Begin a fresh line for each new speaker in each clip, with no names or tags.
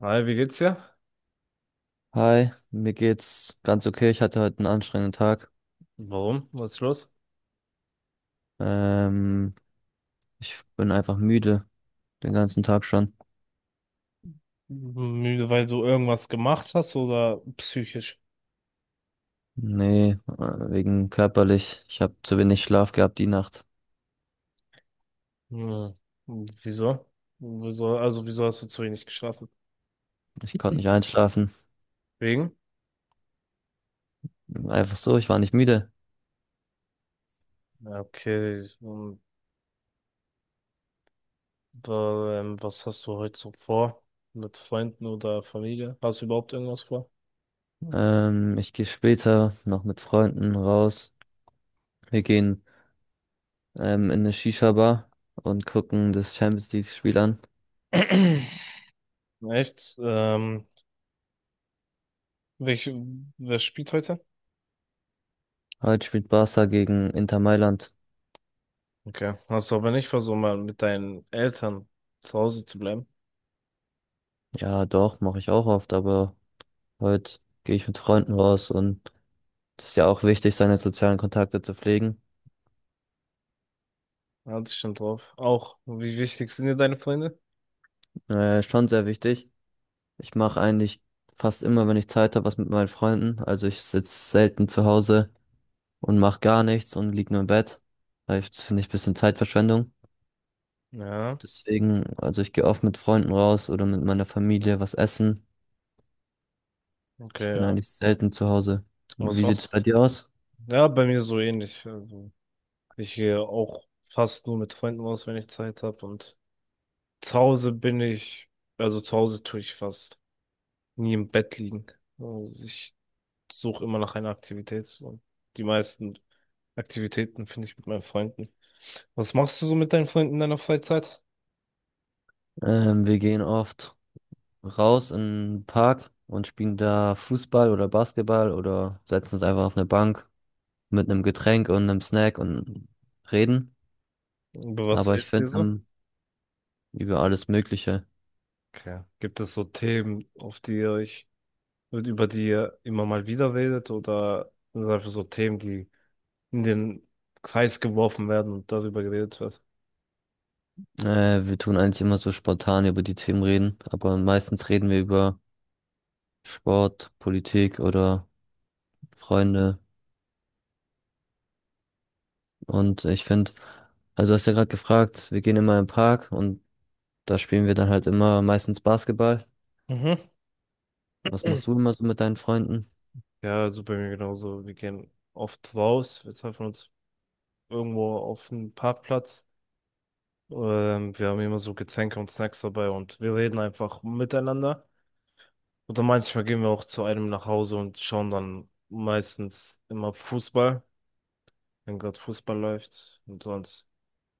Hi, wie geht's dir?
Hi, mir geht's ganz okay. Ich hatte heute einen anstrengenden Tag.
Warum? Was ist los?
Ähm, Ich bin einfach müde, den ganzen Tag schon.
Müde, weil du irgendwas gemacht hast oder psychisch?
Nee, wegen körperlich. Ich habe zu wenig Schlaf gehabt die Nacht.
Hm, wieso? Wieso, hast du zu wenig geschlafen?
Ich konnte nicht einschlafen.
Wegen?
Einfach so, ich war nicht müde.
Ja, okay, und, was hast du heute so vor? Mit Freunden oder Familie? Hast du überhaupt irgendwas vor?
Ich gehe später noch mit Freunden raus. Wir gehen in eine Shisha-Bar und gucken das Champions League-Spiel an.
Echt? Welch, wer spielt heute?
Heute spielt Barca gegen Inter Mailand.
Okay, hast du aber nicht versucht, mal mit deinen Eltern zu Hause zu bleiben?
Ja, doch, mache ich auch oft, aber heute gehe ich mit Freunden raus, und das ist ja auch wichtig, seine sozialen Kontakte zu pflegen.
Ja, das stimmt drauf. Auch, wie wichtig sind dir deine Freunde?
Schon sehr wichtig. Ich mache eigentlich fast immer, wenn ich Zeit habe, was mit meinen Freunden. Also ich sitze selten zu Hause und mache gar nichts und lieg nur im Bett. Das finde ich ein bisschen Zeitverschwendung.
Ja,
Deswegen, also ich gehe oft mit Freunden raus oder mit meiner Familie was essen. Ich
okay,
bin
ja.
eigentlich selten zu Hause.
Und was
Wie sieht es
machst
bei dir aus?
du? Ja, bei mir so ähnlich. Also, ich gehe auch fast nur mit Freunden aus, wenn ich Zeit habe. Und zu Hause bin ich, also zu Hause tue ich fast nie im Bett liegen. Also, ich suche immer nach einer Aktivität. Und die meisten Aktivitäten finde ich mit meinen Freunden. Was machst du so mit deinen Freunden in deiner Freizeit?
Wir gehen oft raus in den Park und spielen da Fußball oder Basketball oder setzen uns einfach auf eine Bank mit einem Getränk und einem Snack und reden.
Über was
Aber ich
redet ihr
finde,
so?
über alles Mögliche.
Okay. Gibt es so Themen, auf die ihr euch wird über die ihr immer mal wieder redet, oder sind das einfach so Themen, die in den Kreis geworfen werden und darüber geredet wird?
Wir tun eigentlich immer so spontan über die Themen reden, aber meistens reden wir über Sport, Politik oder Freunde. Und ich finde, also du hast ja gerade gefragt, wir gehen immer im Park und da spielen wir dann halt immer meistens Basketball.
Mhm.
Was machst du immer so mit deinen Freunden?
Ja, also bei mir genauso. Wir gehen oft raus, wir treffen uns irgendwo auf einem Parkplatz. Wir haben immer so Getränke und Snacks dabei und wir reden einfach miteinander. Oder manchmal gehen wir auch zu einem nach Hause und schauen dann meistens immer Fußball, wenn gerade Fußball läuft und sonst.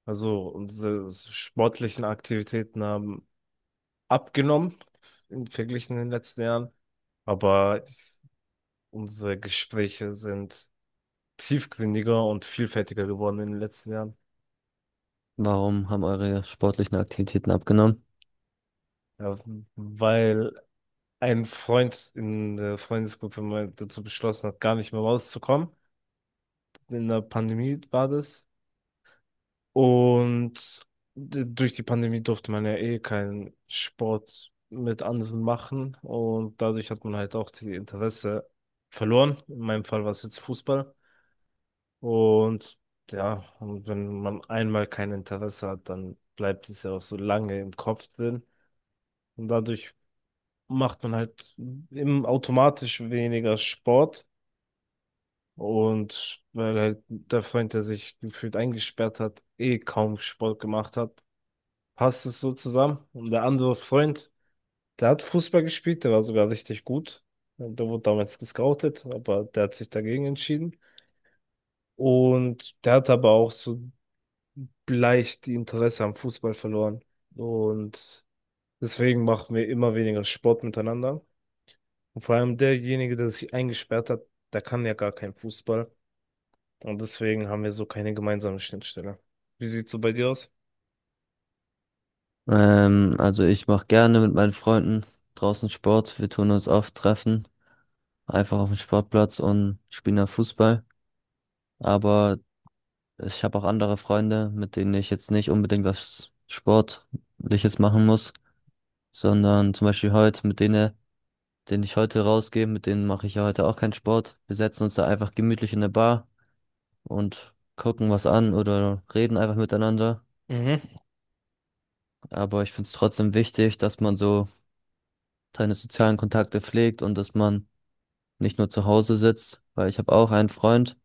Also unsere sportlichen Aktivitäten haben abgenommen im Vergleich in den letzten Jahren, aber unsere Gespräche sind tiefgründiger und vielfältiger geworden in den letzten Jahren,
Warum haben eure sportlichen Aktivitäten abgenommen?
ja, weil ein Freund in der Freundesgruppe mal dazu beschlossen hat, gar nicht mehr rauszukommen. In der Pandemie war das. Und durch die Pandemie durfte man ja eh keinen Sport mit anderen machen, und dadurch hat man halt auch die Interesse verloren. In meinem Fall war es jetzt Fußball. Und ja, und wenn man einmal kein Interesse hat, dann bleibt es ja auch so lange im Kopf drin. Und dadurch macht man halt im automatisch weniger Sport. Und weil halt der Freund, der sich gefühlt eingesperrt hat, eh kaum Sport gemacht hat, passt es so zusammen. Und der andere Freund, der hat Fußball gespielt, der war sogar richtig gut. Der wurde damals gescoutet, aber der hat sich dagegen entschieden. Und der hat aber auch so leicht die Interesse am Fußball verloren. Und deswegen machen wir immer weniger Sport miteinander. Und vor allem derjenige, der sich eingesperrt hat, der kann ja gar keinen Fußball. Und deswegen haben wir so keine gemeinsame Schnittstelle. Wie sieht's so bei dir aus?
Also ich mache gerne mit meinen Freunden draußen Sport. Wir tun uns oft treffen, einfach auf dem Sportplatz, und spielen da Fußball. Aber ich habe auch andere Freunde, mit denen ich jetzt nicht unbedingt was Sportliches machen muss, sondern zum Beispiel heute mit denen, denen ich heute rausgehe, mit denen mache ich ja heute auch keinen Sport. Wir setzen uns da einfach gemütlich in der Bar und gucken was an oder reden einfach miteinander.
Mhm.
Aber ich finde es trotzdem wichtig, dass man so seine sozialen Kontakte pflegt und dass man nicht nur zu Hause sitzt, weil ich habe auch einen Freund.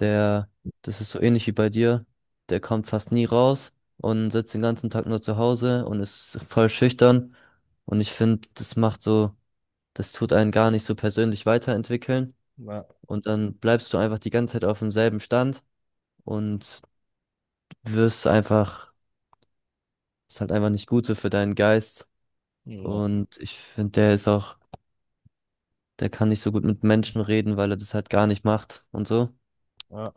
Der, das ist so ähnlich wie bei dir. Der kommt fast nie raus und sitzt den ganzen Tag nur zu Hause und ist voll schüchtern. Und ich finde, das macht so, das tut einen gar nicht so persönlich weiterentwickeln.
Na,
Und dann bleibst du einfach die ganze Zeit auf demselben Stand und wirst einfach, ist halt einfach nicht gut so für deinen Geist.
na,
Und ich finde, der ist auch, der kann nicht so gut mit Menschen reden, weil er das halt gar nicht macht und so.
ja.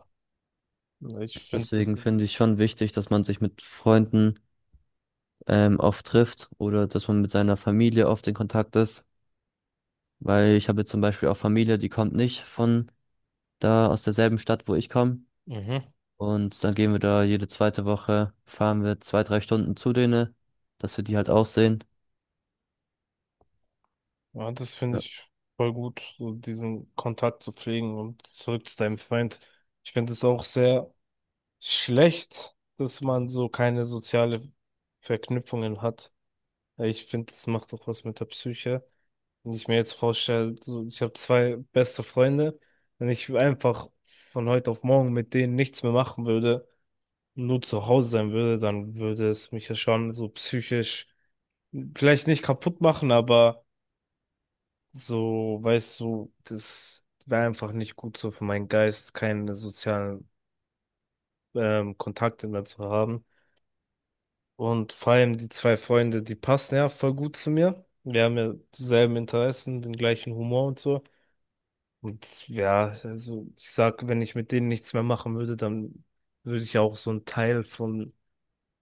Ich finde
Deswegen
das,
finde ich schon wichtig, dass man sich mit Freunden oft trifft oder dass man mit seiner Familie oft in Kontakt ist, weil ich habe jetzt zum Beispiel auch Familie, die kommt nicht von da aus derselben Stadt, wo ich komme.
mhm,
Und dann gehen wir da jede zweite Woche, fahren wir zwei, drei Stunden zu denen, dass wir die halt auch sehen.
ja, das finde
Ja,
ich voll gut, so diesen Kontakt zu pflegen, und zurück zu deinem Freund. Ich finde es auch sehr schlecht, dass man so keine soziale Verknüpfungen hat. Ich finde, das macht doch was mit der Psyche. Wenn ich mir jetzt vorstelle, so, ich habe zwei beste Freunde, wenn ich einfach von heute auf morgen mit denen nichts mehr machen würde, nur zu Hause sein würde, dann würde es mich ja schon so psychisch vielleicht nicht kaputt machen, aber so, weißt du, das wäre einfach nicht gut so für meinen Geist, keine sozialen Kontakte mehr zu haben. Und vor allem die zwei Freunde, die passen ja voll gut zu mir. Wir haben ja dieselben Interessen, den gleichen Humor und so. Und ja, also ich sag, wenn ich mit denen nichts mehr machen würde, dann würde ich ja auch so einen Teil von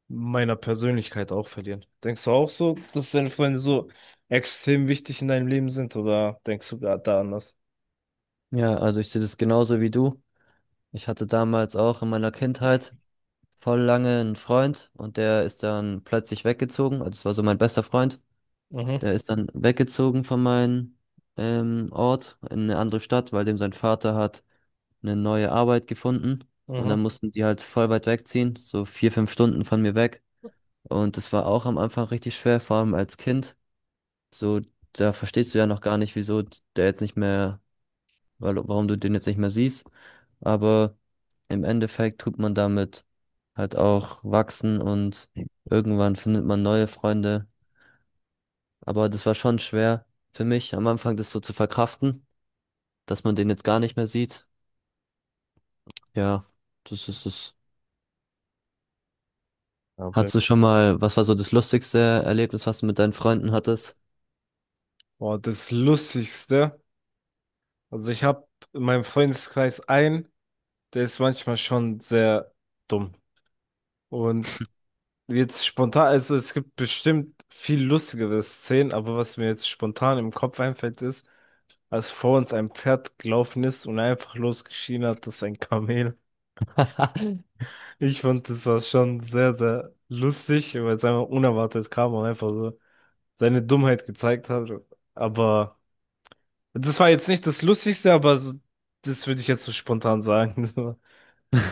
meiner Persönlichkeit auch verlieren. Denkst du auch so, dass deine Freunde so extrem wichtig in deinem Leben sind, oder denkst du gerade da anders?
ja, also ich sehe das genauso wie du. Ich hatte damals auch in meiner Kindheit voll lange einen Freund, und der ist dann plötzlich weggezogen. Also es war so mein bester Freund.
Mhm,
Der ist dann weggezogen von meinem Ort in eine andere Stadt, weil dem sein Vater hat eine neue Arbeit gefunden, und dann
mhm.
Mhm. mussten die halt voll weit wegziehen, so vier, fünf Stunden von mir weg. Und das war auch am Anfang richtig schwer, vor allem als Kind. So, da verstehst du ja noch gar nicht, wieso der jetzt nicht mehr, warum du den jetzt nicht mehr siehst. Aber im Endeffekt tut man damit halt auch wachsen, und irgendwann findet man neue Freunde. Aber das war schon schwer für mich am Anfang, das so zu verkraften, dass man den jetzt gar nicht mehr sieht. Ja, das ist es.
Ja, bei
Hattest du
mir-
schon mal, was war so das lustigste Erlebnis, was du mit deinen Freunden hattest?
Boah, das Lustigste. Also ich habe in meinem Freundeskreis einen, der ist manchmal schon sehr dumm. Und jetzt spontan, also es gibt bestimmt viel lustigere Szenen, aber was mir jetzt spontan im Kopf einfällt, ist, als vor uns ein Pferd gelaufen ist und einfach losgeschrien hat, das ist ein Kamel. Ich fand, das war schon sehr, sehr lustig, weil es einfach unerwartet kam und einfach so seine Dummheit gezeigt hat. Aber das war jetzt nicht das Lustigste, aber so, das würde ich jetzt so spontan sagen.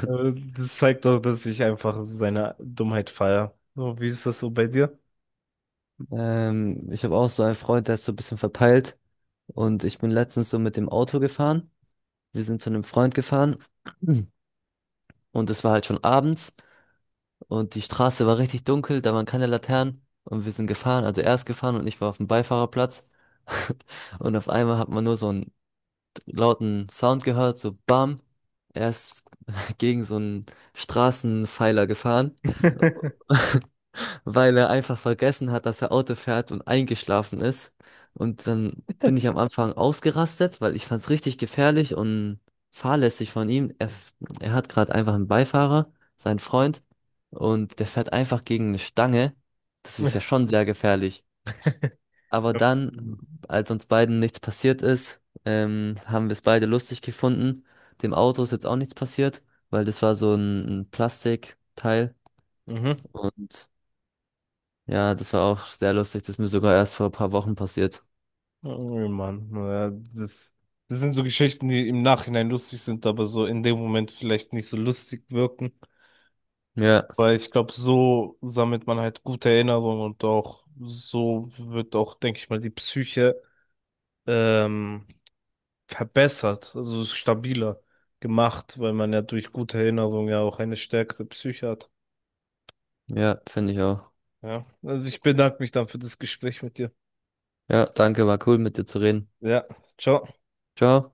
Aber das zeigt doch, dass ich einfach seine Dummheit feiere. So, wie ist das so bei dir?
Ich habe auch so einen Freund, der ist so ein bisschen verpeilt. Und ich bin letztens so mit dem Auto gefahren. Wir sind zu einem Freund gefahren, und es war halt schon abends und die Straße war richtig dunkel, da waren keine Laternen, und wir sind gefahren, also er ist gefahren und ich war auf dem Beifahrerplatz. Und auf einmal hat man nur so einen lauten Sound gehört, so Bam. Er ist gegen so einen Straßenpfeiler gefahren, weil er einfach vergessen hat, dass er Auto fährt und eingeschlafen ist. Und dann bin ich am Anfang ausgerastet, weil ich fand es richtig gefährlich und fahrlässig von ihm. Er hat gerade einfach einen Beifahrer, seinen Freund, und der fährt einfach gegen eine Stange. Das ist ja schon sehr gefährlich. Aber dann, als uns beiden nichts passiert ist, haben wir es beide lustig gefunden. Dem Auto ist jetzt auch nichts passiert, weil das war so ein Plastikteil.
Mhm.
Und ja, das war auch sehr lustig. Das ist mir sogar erst vor ein paar Wochen passiert.
Oh Mann, ja, das, das sind so Geschichten, die im Nachhinein lustig sind, aber so in dem Moment vielleicht nicht so lustig wirken.
Ja,
Weil ich glaube, so sammelt man halt gute Erinnerungen, und auch so wird auch, denke ich mal, die Psyche ähm, verbessert, also stabiler gemacht, weil man ja durch gute Erinnerungen ja auch eine stärkere Psyche hat.
ja, finde ich auch.
Ja, also ich bedanke mich dann für das Gespräch mit dir.
Ja, danke, war cool mit dir zu reden.
Ja, ciao.
Ciao.